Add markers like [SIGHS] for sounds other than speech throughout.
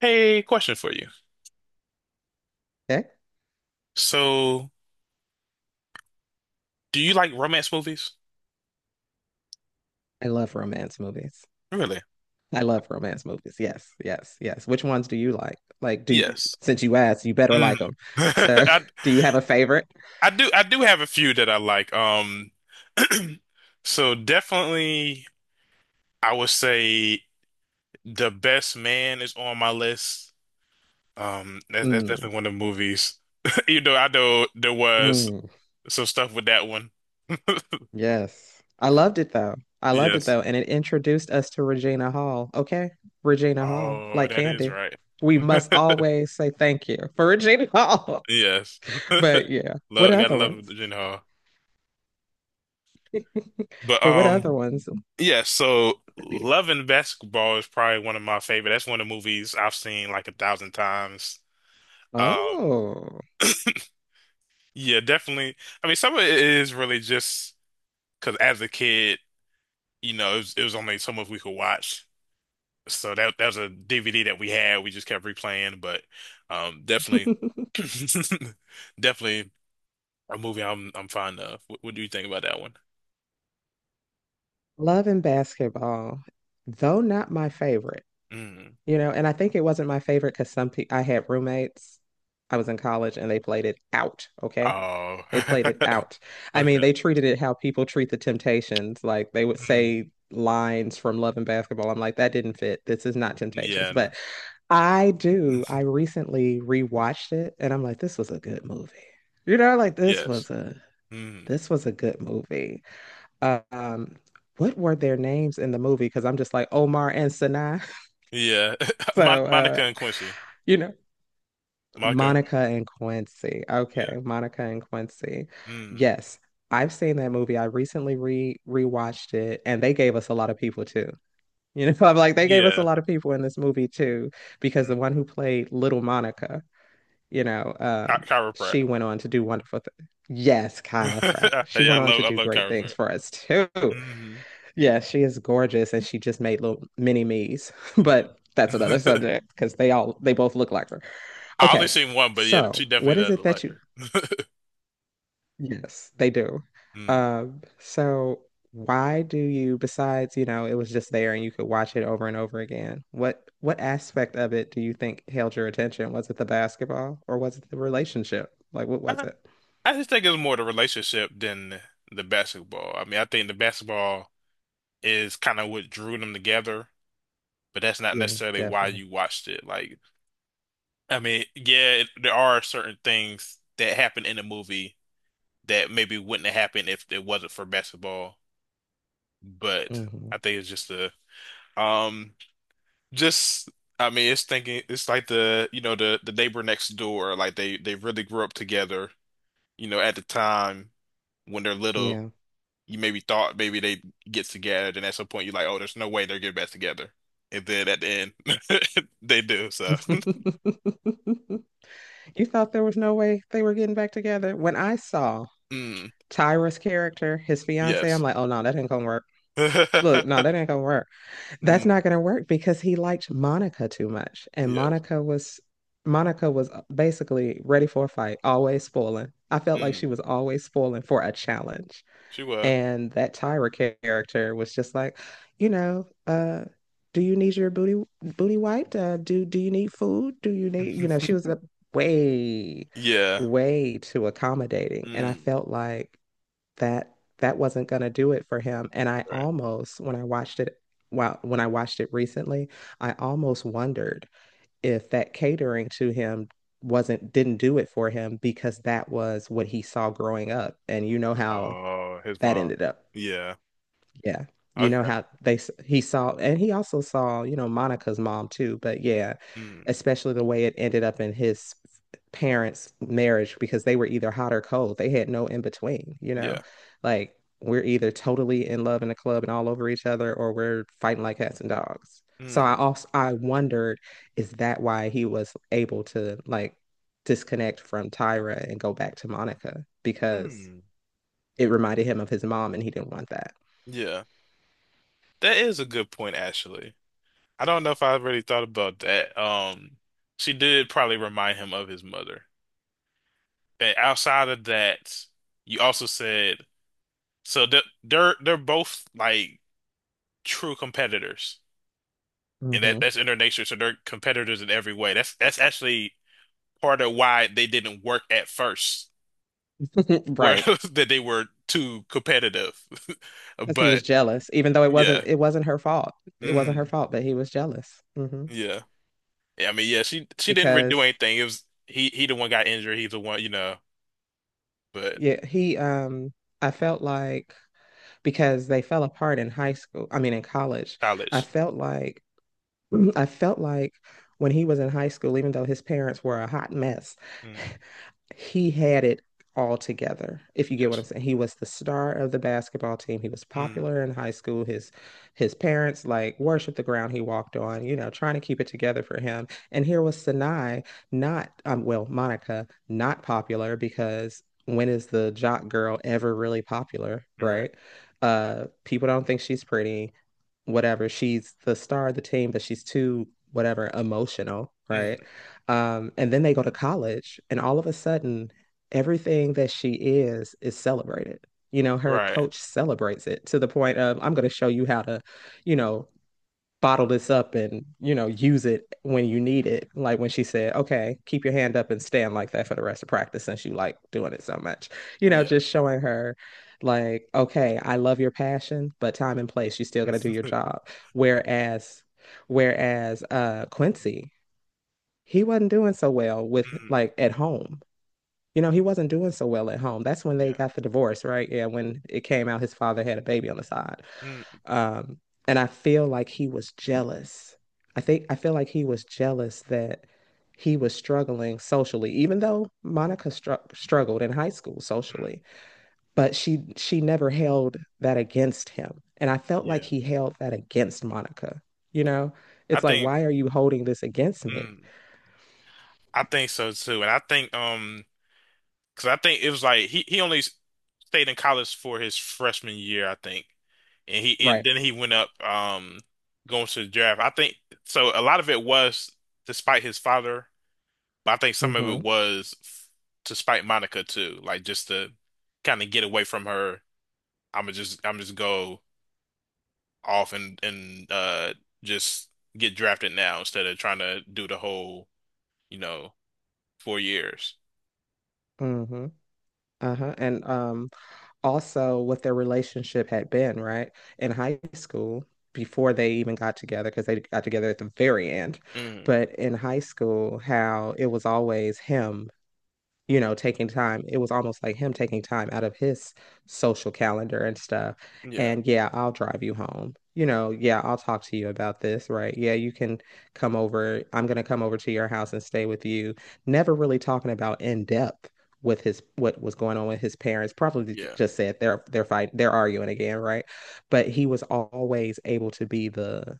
Hey, question for you. Okay. So, do you like romance movies? I love romance movies. Really? I love romance movies. Yes, yes, yes. Which ones do you like? Like, do you, Yes. since you asked, you better Mm. like them. [LAUGHS] So, I [LAUGHS] do you have a favorite? I do have a few that I like. [CLEARS THROAT] So definitely I would say The Best Man is on my list. That's Mm, definitely one of the movies. [LAUGHS] You know, I know there was mm, some stuff with that one. [LAUGHS] yes. I loved it though. I loved it Yes. though. And it introduced us to Regina Hall. Okay. Regina Hall, Oh, like that is Candy. right. We must [LAUGHS] always say thank you for Regina Hall. [LAUGHS] Yes. But yeah, what Love, gotta other love ones? Gyllenhaal. But Or what um. other ones? yeah, so Love and Basketball is probably one of my favorite. That's one of the movies I've seen like a thousand times. Um, Oh. yeah, definitely. I mean, some of it is really just because as a kid, you know, it was only so much we could watch. So that was a DVD that we had. We just kept replaying, but definitely, [LAUGHS] [LAUGHS] definitely a movie I'm fond of. What do you think about that one? Love and basketball, though not my favorite, Mm. And I think it wasn't my favorite because some people I had roommates. I was in college and they played it out. Okay. Oh, They played it out. [LAUGHS] I mean, okay. they treated it how people treat the Temptations. Like they would Mm. say lines from Love and Basketball. I'm like, that didn't fit. This is not Temptations. Yeah. No. But I do. I recently rewatched it and I'm like, this was a good movie. You know, like Yes. Mm. this was a good movie. Um, what were their names in the movie? Because I'm just like Omar and Sinai. [LAUGHS] Yeah. [LAUGHS] Mon So, Monica and Quincy. you know, Monica and Monica and Quincy. yeah. Okay, Monica and Quincy. Mm. Yes, I've seen that movie. I recently re rewatched it, and they gave us a lot of people too. You know, [LAUGHS] I'm like they gave us a Yeah. lot of people in this movie too, because the Mm. one who played Little Monica, you know, Chi- um, chiropract. she went on to do wonderful things. Yes, Kyla Pratt. [LAUGHS] She Hey, I went on love to I do love great things chiropract. for us too. Hmm. Yeah, she is gorgeous and she just made little mini me's, [LAUGHS] Yeah. but that's another [LAUGHS] subject because they both look like her. I Okay. only seen one, but yeah, she So, definitely what is does it look that like you... her. [LAUGHS] Yes, they do. Mm. So why do you, besides, it was just there and you could watch it over and over again. What aspect of it do you think held your attention? Was it the basketball or was it the relationship? Like what was I, it? I just think it's more the relationship than the basketball. I mean, I think the basketball is kind of what drew them together, but that's not Yeah, necessarily why definitely. you watched it. Like, I mean, yeah, there are certain things that happen in the movie that maybe wouldn't have happened if it wasn't for basketball. But Hmm. I think it's just the um just, I mean, it's thinking it's like the the neighbor next door, like they really grew up together, you know, at the time when they're little. Yeah. You maybe thought maybe they get together, and at some point you're like, oh, there's no way they're getting back together, and then at the end [LAUGHS] they do so. [LAUGHS] You thought there was no way they were getting back together? When I saw [LAUGHS] Mm, Tyra's character, his fiance, yes. I'm like, oh no, that ain't gonna work. [LAUGHS] Look, no, Mm, that ain't gonna work. That's not gonna work because he liked Monica too much. And yes. Monica was... Monica was basically ready for a fight, always spoiling. I felt like she Mm, was always spoiling for a challenge. she was. And that Tyra character was just like, you know, uh, do you need your booty booty wiped? Do you need food? Do you need, she [LAUGHS] was way, Yeah. way too accommodating. And I Mm, felt like that wasn't gonna do it for him. And I right. almost, when I watched it, well, when I watched it recently, I almost wondered if that catering to him wasn't didn't do it for him because that was what he saw growing up. And you know how Oh, his that mom. ended up. Yeah. Yeah. You know Okay. how he saw, and he also saw, you know, Monica's mom too, but yeah, Mm, especially the way it ended up in his parents' marriage because they were either hot or cold. They had no in between, you know. yeah. Like we're either totally in love in a club and all over each other or we're fighting like cats and dogs. So Mm, I also I wondered, is that why he was able to like disconnect from Tyra and go back to Monica because mm, it reminded him of his mom and he didn't want that. yeah. That is a good point, actually. I don't know if I really thought about that. She did probably remind him of his mother. And outside of that, you also said so they're both like true competitors, and that Hmm. that's in their nature. So they're competitors in every way. That's actually part of why they didn't work at first, [LAUGHS] where Right. [LAUGHS] that they were too competitive. [LAUGHS] Because he was But jealous, even though yeah. it wasn't her fault. It wasn't her Mm. fault that he was jealous. Hmm. Yeah. Yeah. I mean, yeah, she didn't really do Because anything. It was he the one got injured. He's the one, you know, but yeah, he... I felt like, because they fell apart in high school, I mean in college, I college. felt like... Mhm. I felt like when he was in high school, even though his parents were a hot mess, Mm. [LAUGHS] he had it all together, if you get what I'm Yes. saying. He was the star of the basketball team. He was Mm. popular in high school. His parents like worshiped the ground he walked on, you know, trying to keep it together for him. And here was Sanai, not well, Monica, not popular, because when is the jock girl ever really popular, Right. right? People don't think she's pretty, whatever. She's the star of the team, but she's too whatever emotional, Mm. right? And then they go to college, and all of a sudden, everything that she is celebrated. You know, her Right. coach celebrates it to the point of, I'm going to show you how to, you know, bottle this up and, you know, use it when you need it. Like when she said, okay, keep your hand up and stand like that for the rest of practice since you like doing it so much. You know, Yeah. just showing her like, okay, I love your passion, but time and place, you still got to do your [LAUGHS] job. Whereas, whereas Quincy, he wasn't doing so well with Mm. like at home. You know, he wasn't doing so well at home. That's when they Yeah. got the divorce, right? Yeah, when it came out his father had a baby on the side. Mm. Um, and I feel like he was jealous. I feel like he was jealous that he was struggling socially, even though Monica struggled in high school Mm. socially, but she never held that against him. And I felt like Yeah. he held that against Monica. You know, I it's like, think why are you holding this against me? mm. I think so too. And I think because I think it was like he only stayed in college for his freshman year, I think. And Right. then he went up going to the draft. I think so a lot of it was despite his father. But I think some of Mm-hmm. it was to spite Monica too, like just to kind of get away from her. I'm just go off and just get drafted now instead of trying to do the whole, you know, 4 years. Mm-hmm. Uh-huh. And also what their relationship had been, right? In high school before they even got together, because they got together at the very end. Mm, But in high school, how it was always him, you know, taking time. It was almost like him taking time out of his social calendar and stuff. yeah, And yeah, I'll drive you home. You know, yeah, I'll talk to you about this, right? Yeah, you can come over. I'm going to come over to your house and stay with you. Never really talking about in depth with his... what was going on with his parents. Probably yeah. just said they're fighting, they're arguing again, right? But he was always able to be the...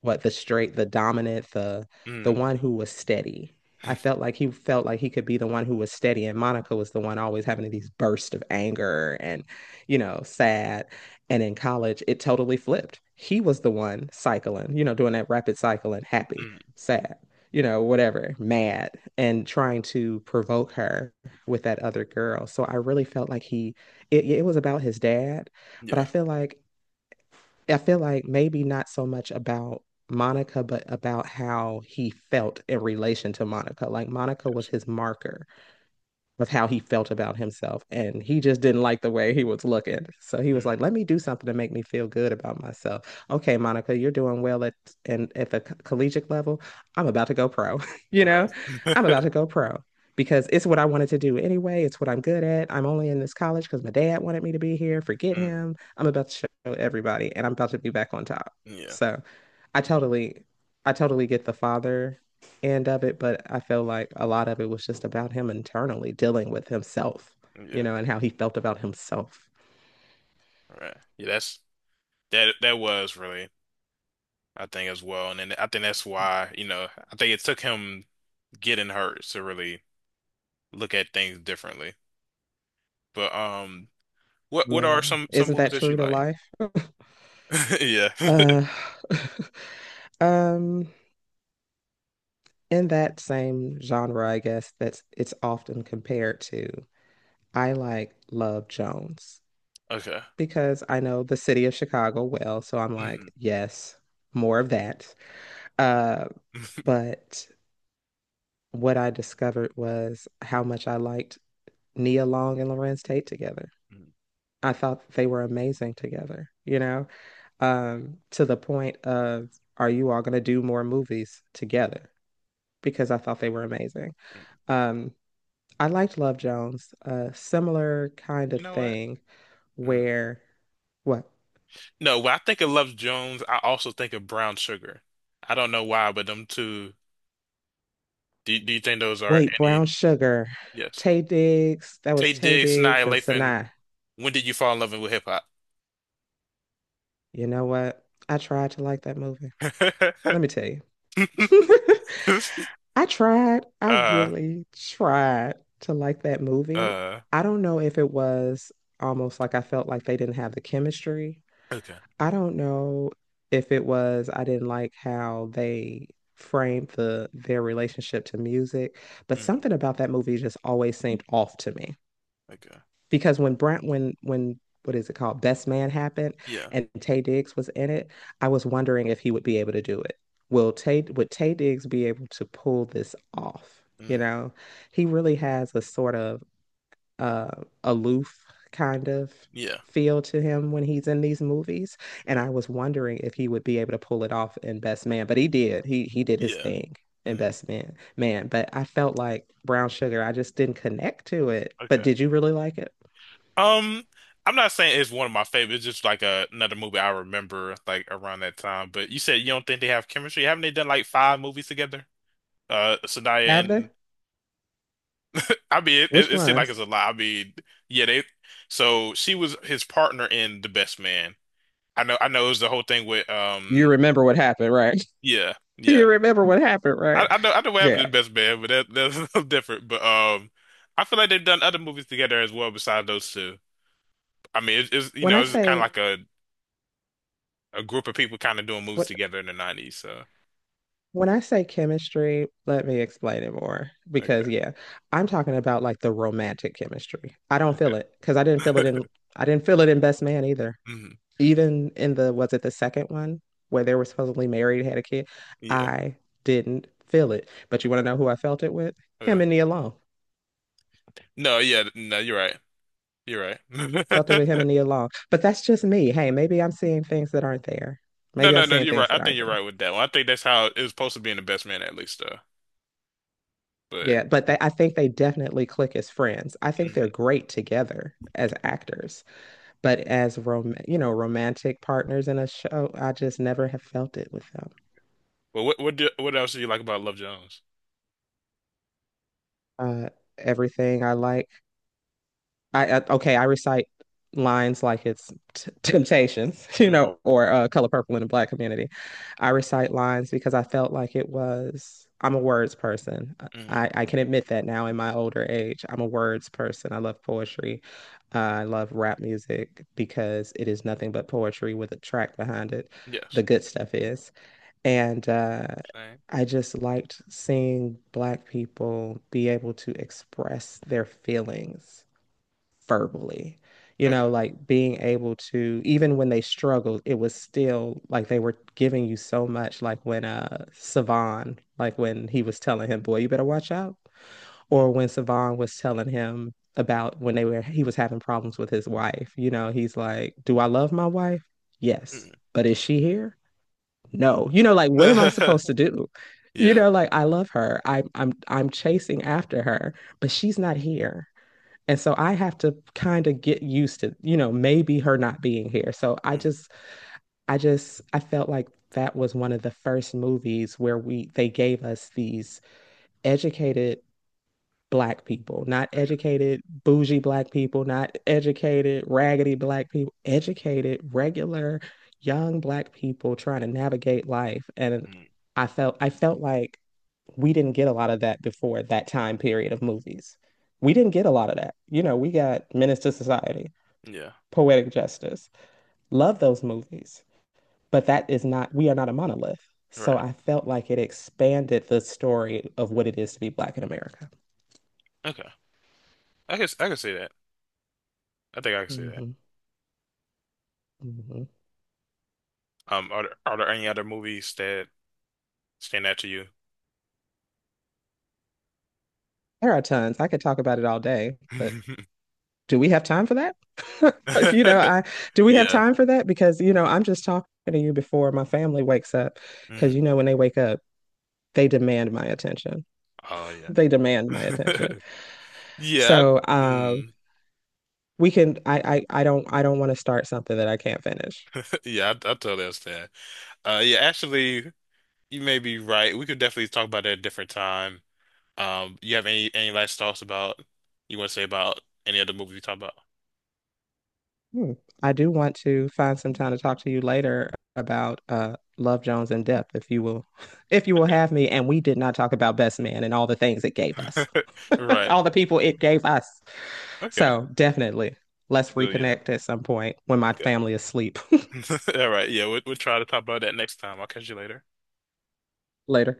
what... the straight, the dominant, the Mm. one who was steady. I [LAUGHS] felt like he could be the one who was steady, and Monica was the one always having these bursts of anger and, you know, sad. And in college, it totally flipped. He was the one cycling, you know, doing that rapid cycling, happy, Mm, sad, you know, whatever, mad, and trying to provoke her with that other girl. So I really felt like he, it was about his dad, but I yeah, feel like... I feel like maybe not so much about Monica, but about how he felt in relation to Monica. Like Monica was his marker of how he felt about himself. And he just didn't like the way he was looking. So he was like, mm, let me do something to make me feel good about myself. Okay, Monica, you're doing well at... and at the collegiate level. I'm about to go pro. [LAUGHS] You know, right. I'm about to go pro because it's what I wanted to do anyway. It's what I'm good at. I'm only in this college because my dad wanted me to be here. Forget Mm, him. I'm about to show everybody and I'm about to be back on top. yeah, So I totally... I totally get the father end of it, but I feel like a lot of it was just about him internally dealing with himself, you yeah, know, and how he felt about himself. right. Yeah, that's that was really, I think, as well. And then I think that's why, you know, I think it took him getting hurt to really look at things differently. But what are Man, some isn't movies that that you true to like? life? [LAUGHS] Yeah. Uh, [SIGHS] [LAUGHS] um, in that same genre, I guess that's it's often compared to. I like Love Jones Okay. because I know the city of Chicago well, so I'm Mhm. like, yes, more of that. Uh, [LAUGHS] but what I discovered was how much I liked Nia Long and Lorenz Tate together. I thought they were amazing together, you know, to the point of, are you all going to do more movies together? Because I thought they were amazing. Um, I liked Love Jones, a similar kind of You know what? thing Mm. where, what? No, when I think of Love Jones, I also think of Brown Sugar. I don't know why, but them two. Do you think those are Wait, any? Brown Sugar, Yes. Taye Diggs, that was Taye Taye Diggs, Diggs Nia and Lathan. Sanaa. When did you fall in love with hip hop? You know what? I tried to like that movie. Let me tell you. [LAUGHS] [LAUGHS] I tried. I Uh, really tried to like that movie. uh. I don't know if it was almost like I felt like they didn't have the chemistry. Okay. I don't know if it was I didn't like how they framed the their relationship to music, but Mm, something about that movie just always seemed off to me okay. because when Brent when what is it called, Best Man happened Yeah. and Taye Diggs was in it, I was wondering if he would be able to do it. Will Tay would Taye Diggs be able to pull this off? You Mm, know, he really has a sort of uh, aloof kind of yeah. feel to him when he's in these movies, and Yeah. I was wondering if he would be able to pull it off in Best Man, but he did. He did his Yeah. thing in Mm, Best Man, man. But I felt like Brown Sugar, I just didn't connect to it. But okay. did you really like it? Um, I'm not saying it's one of my favorites. It's just like another movie I remember like around that time. But you said you don't think they have chemistry. Haven't they done like five movies together? Zendaya Have they? and I mean, it, it, Which it seemed like ones? it's a lot. I mean, yeah, they. So she was his partner in The Best Man. I know, it was the whole thing with You remember what happened, right? [LAUGHS] yeah, yeah. You remember what happened, right? I know what Yeah. happened in The Best Man, but that's [LAUGHS] a little different. But I feel like they've done other movies together as well besides those two. I mean, it's, it's you When know, I it's kind of say like a group of people kind of doing moves what together in the 90s. So, when I say chemistry, let me explain it more, because okay, yeah, I'm talking about like the romantic chemistry. I don't feel it okay. because [LAUGHS] I didn't feel it in Best Man either. Mhm. Even in the was it the second one where they were supposedly married, had a kid, Yeah. I didn't feel it. But you want to Okay. know who I felt it with? Uh, Him and Nia Long. no, yeah, no, you're right. You're right. Felt it with him [LAUGHS] and Nia Long. But that's just me. Hey, maybe I'm seeing things that aren't there. No, Maybe I'm no, no, seeing you're right. things I that think aren't you're there. right with that one. I think that's how it was supposed to be in The Best Man at least, though. But, Yeah, but they, I think they definitely click as friends. I think they're mm. great together as actors, but as you know, romantic partners in a show, I just never have felt it with them. But what what else do you like about Love Jones? Uh, everything I like I okay, I recite lines like it's Temptations, [LAUGHS] you Mm, know, or Color Purple in the Black community. I recite lines because I felt like it was. I'm a words person. mm, I can admit that now in my older age. I'm a words person. I love poetry. I love rap music because it is nothing but poetry with a track behind it. yes. The good stuff is. And Same. I just liked seeing Black people be able to express their feelings verbally. You Okay. know, like being able to, even when they struggled, it was still like they were giving you so much. Like when Savan, like when he was telling him, "Boy, you better watch out," Mm, or when Savan was telling him about when they were he was having problems with his wife. You know, he's like, "Do I love my wife? Yes, but is she here? No." You know, like what am I mm. [LAUGHS] supposed to do? You Yeah. know, like I love her. I'm chasing after her, but she's not here. And so I have to kind of get used to, you know, maybe her not being here. So Mm, I just, I felt like that was one of the first movies where they gave us these educated black people, not okay. educated bougie black people, not educated raggedy black people, educated regular young black people trying to navigate life. And Mm, I felt like we didn't get a lot of that before that time period of movies. We didn't get a lot of that. You know, we got Menace to Society, yeah. Poetic Justice. Love those movies, but that is not, we are not a monolith. So Right. I felt like it expanded the story of what it is to be Black in America. Okay. I guess I can see that. I think I can see that. hmm hmm are there any other movies that stand out to you? There are tons. I could talk about it all day, but [LAUGHS] do we have time for that? [LAUGHS] you know, I do we have Yeah. time for that? Because, you know, I'm just talking to you before my family wakes up. Because, Mm. you know, when they wake up, they demand my attention. Oh yeah. They demand my attention. [LAUGHS] Yeah. So, mm. we can I don't want to start something that I can't finish. [LAUGHS] Yeah. I totally understand. Yeah. Actually, you may be right. We could definitely talk about that at a different time. You have any last thoughts about you want to say about any other movie we talk about? Hmm. I do want to find some time to talk to you later about Love Jones in depth if you will, [LAUGHS] if you will Okay. have me. And we did not talk about Best Man and all the things it gave us. [LAUGHS] [LAUGHS] Right. All the people it gave us. Okay. So definitely, let's So yeah. reconnect at some point when my Okay. family is asleep. [LAUGHS] All right. Yeah. We'll try to talk about that next time. I'll catch you later. [LAUGHS] Later.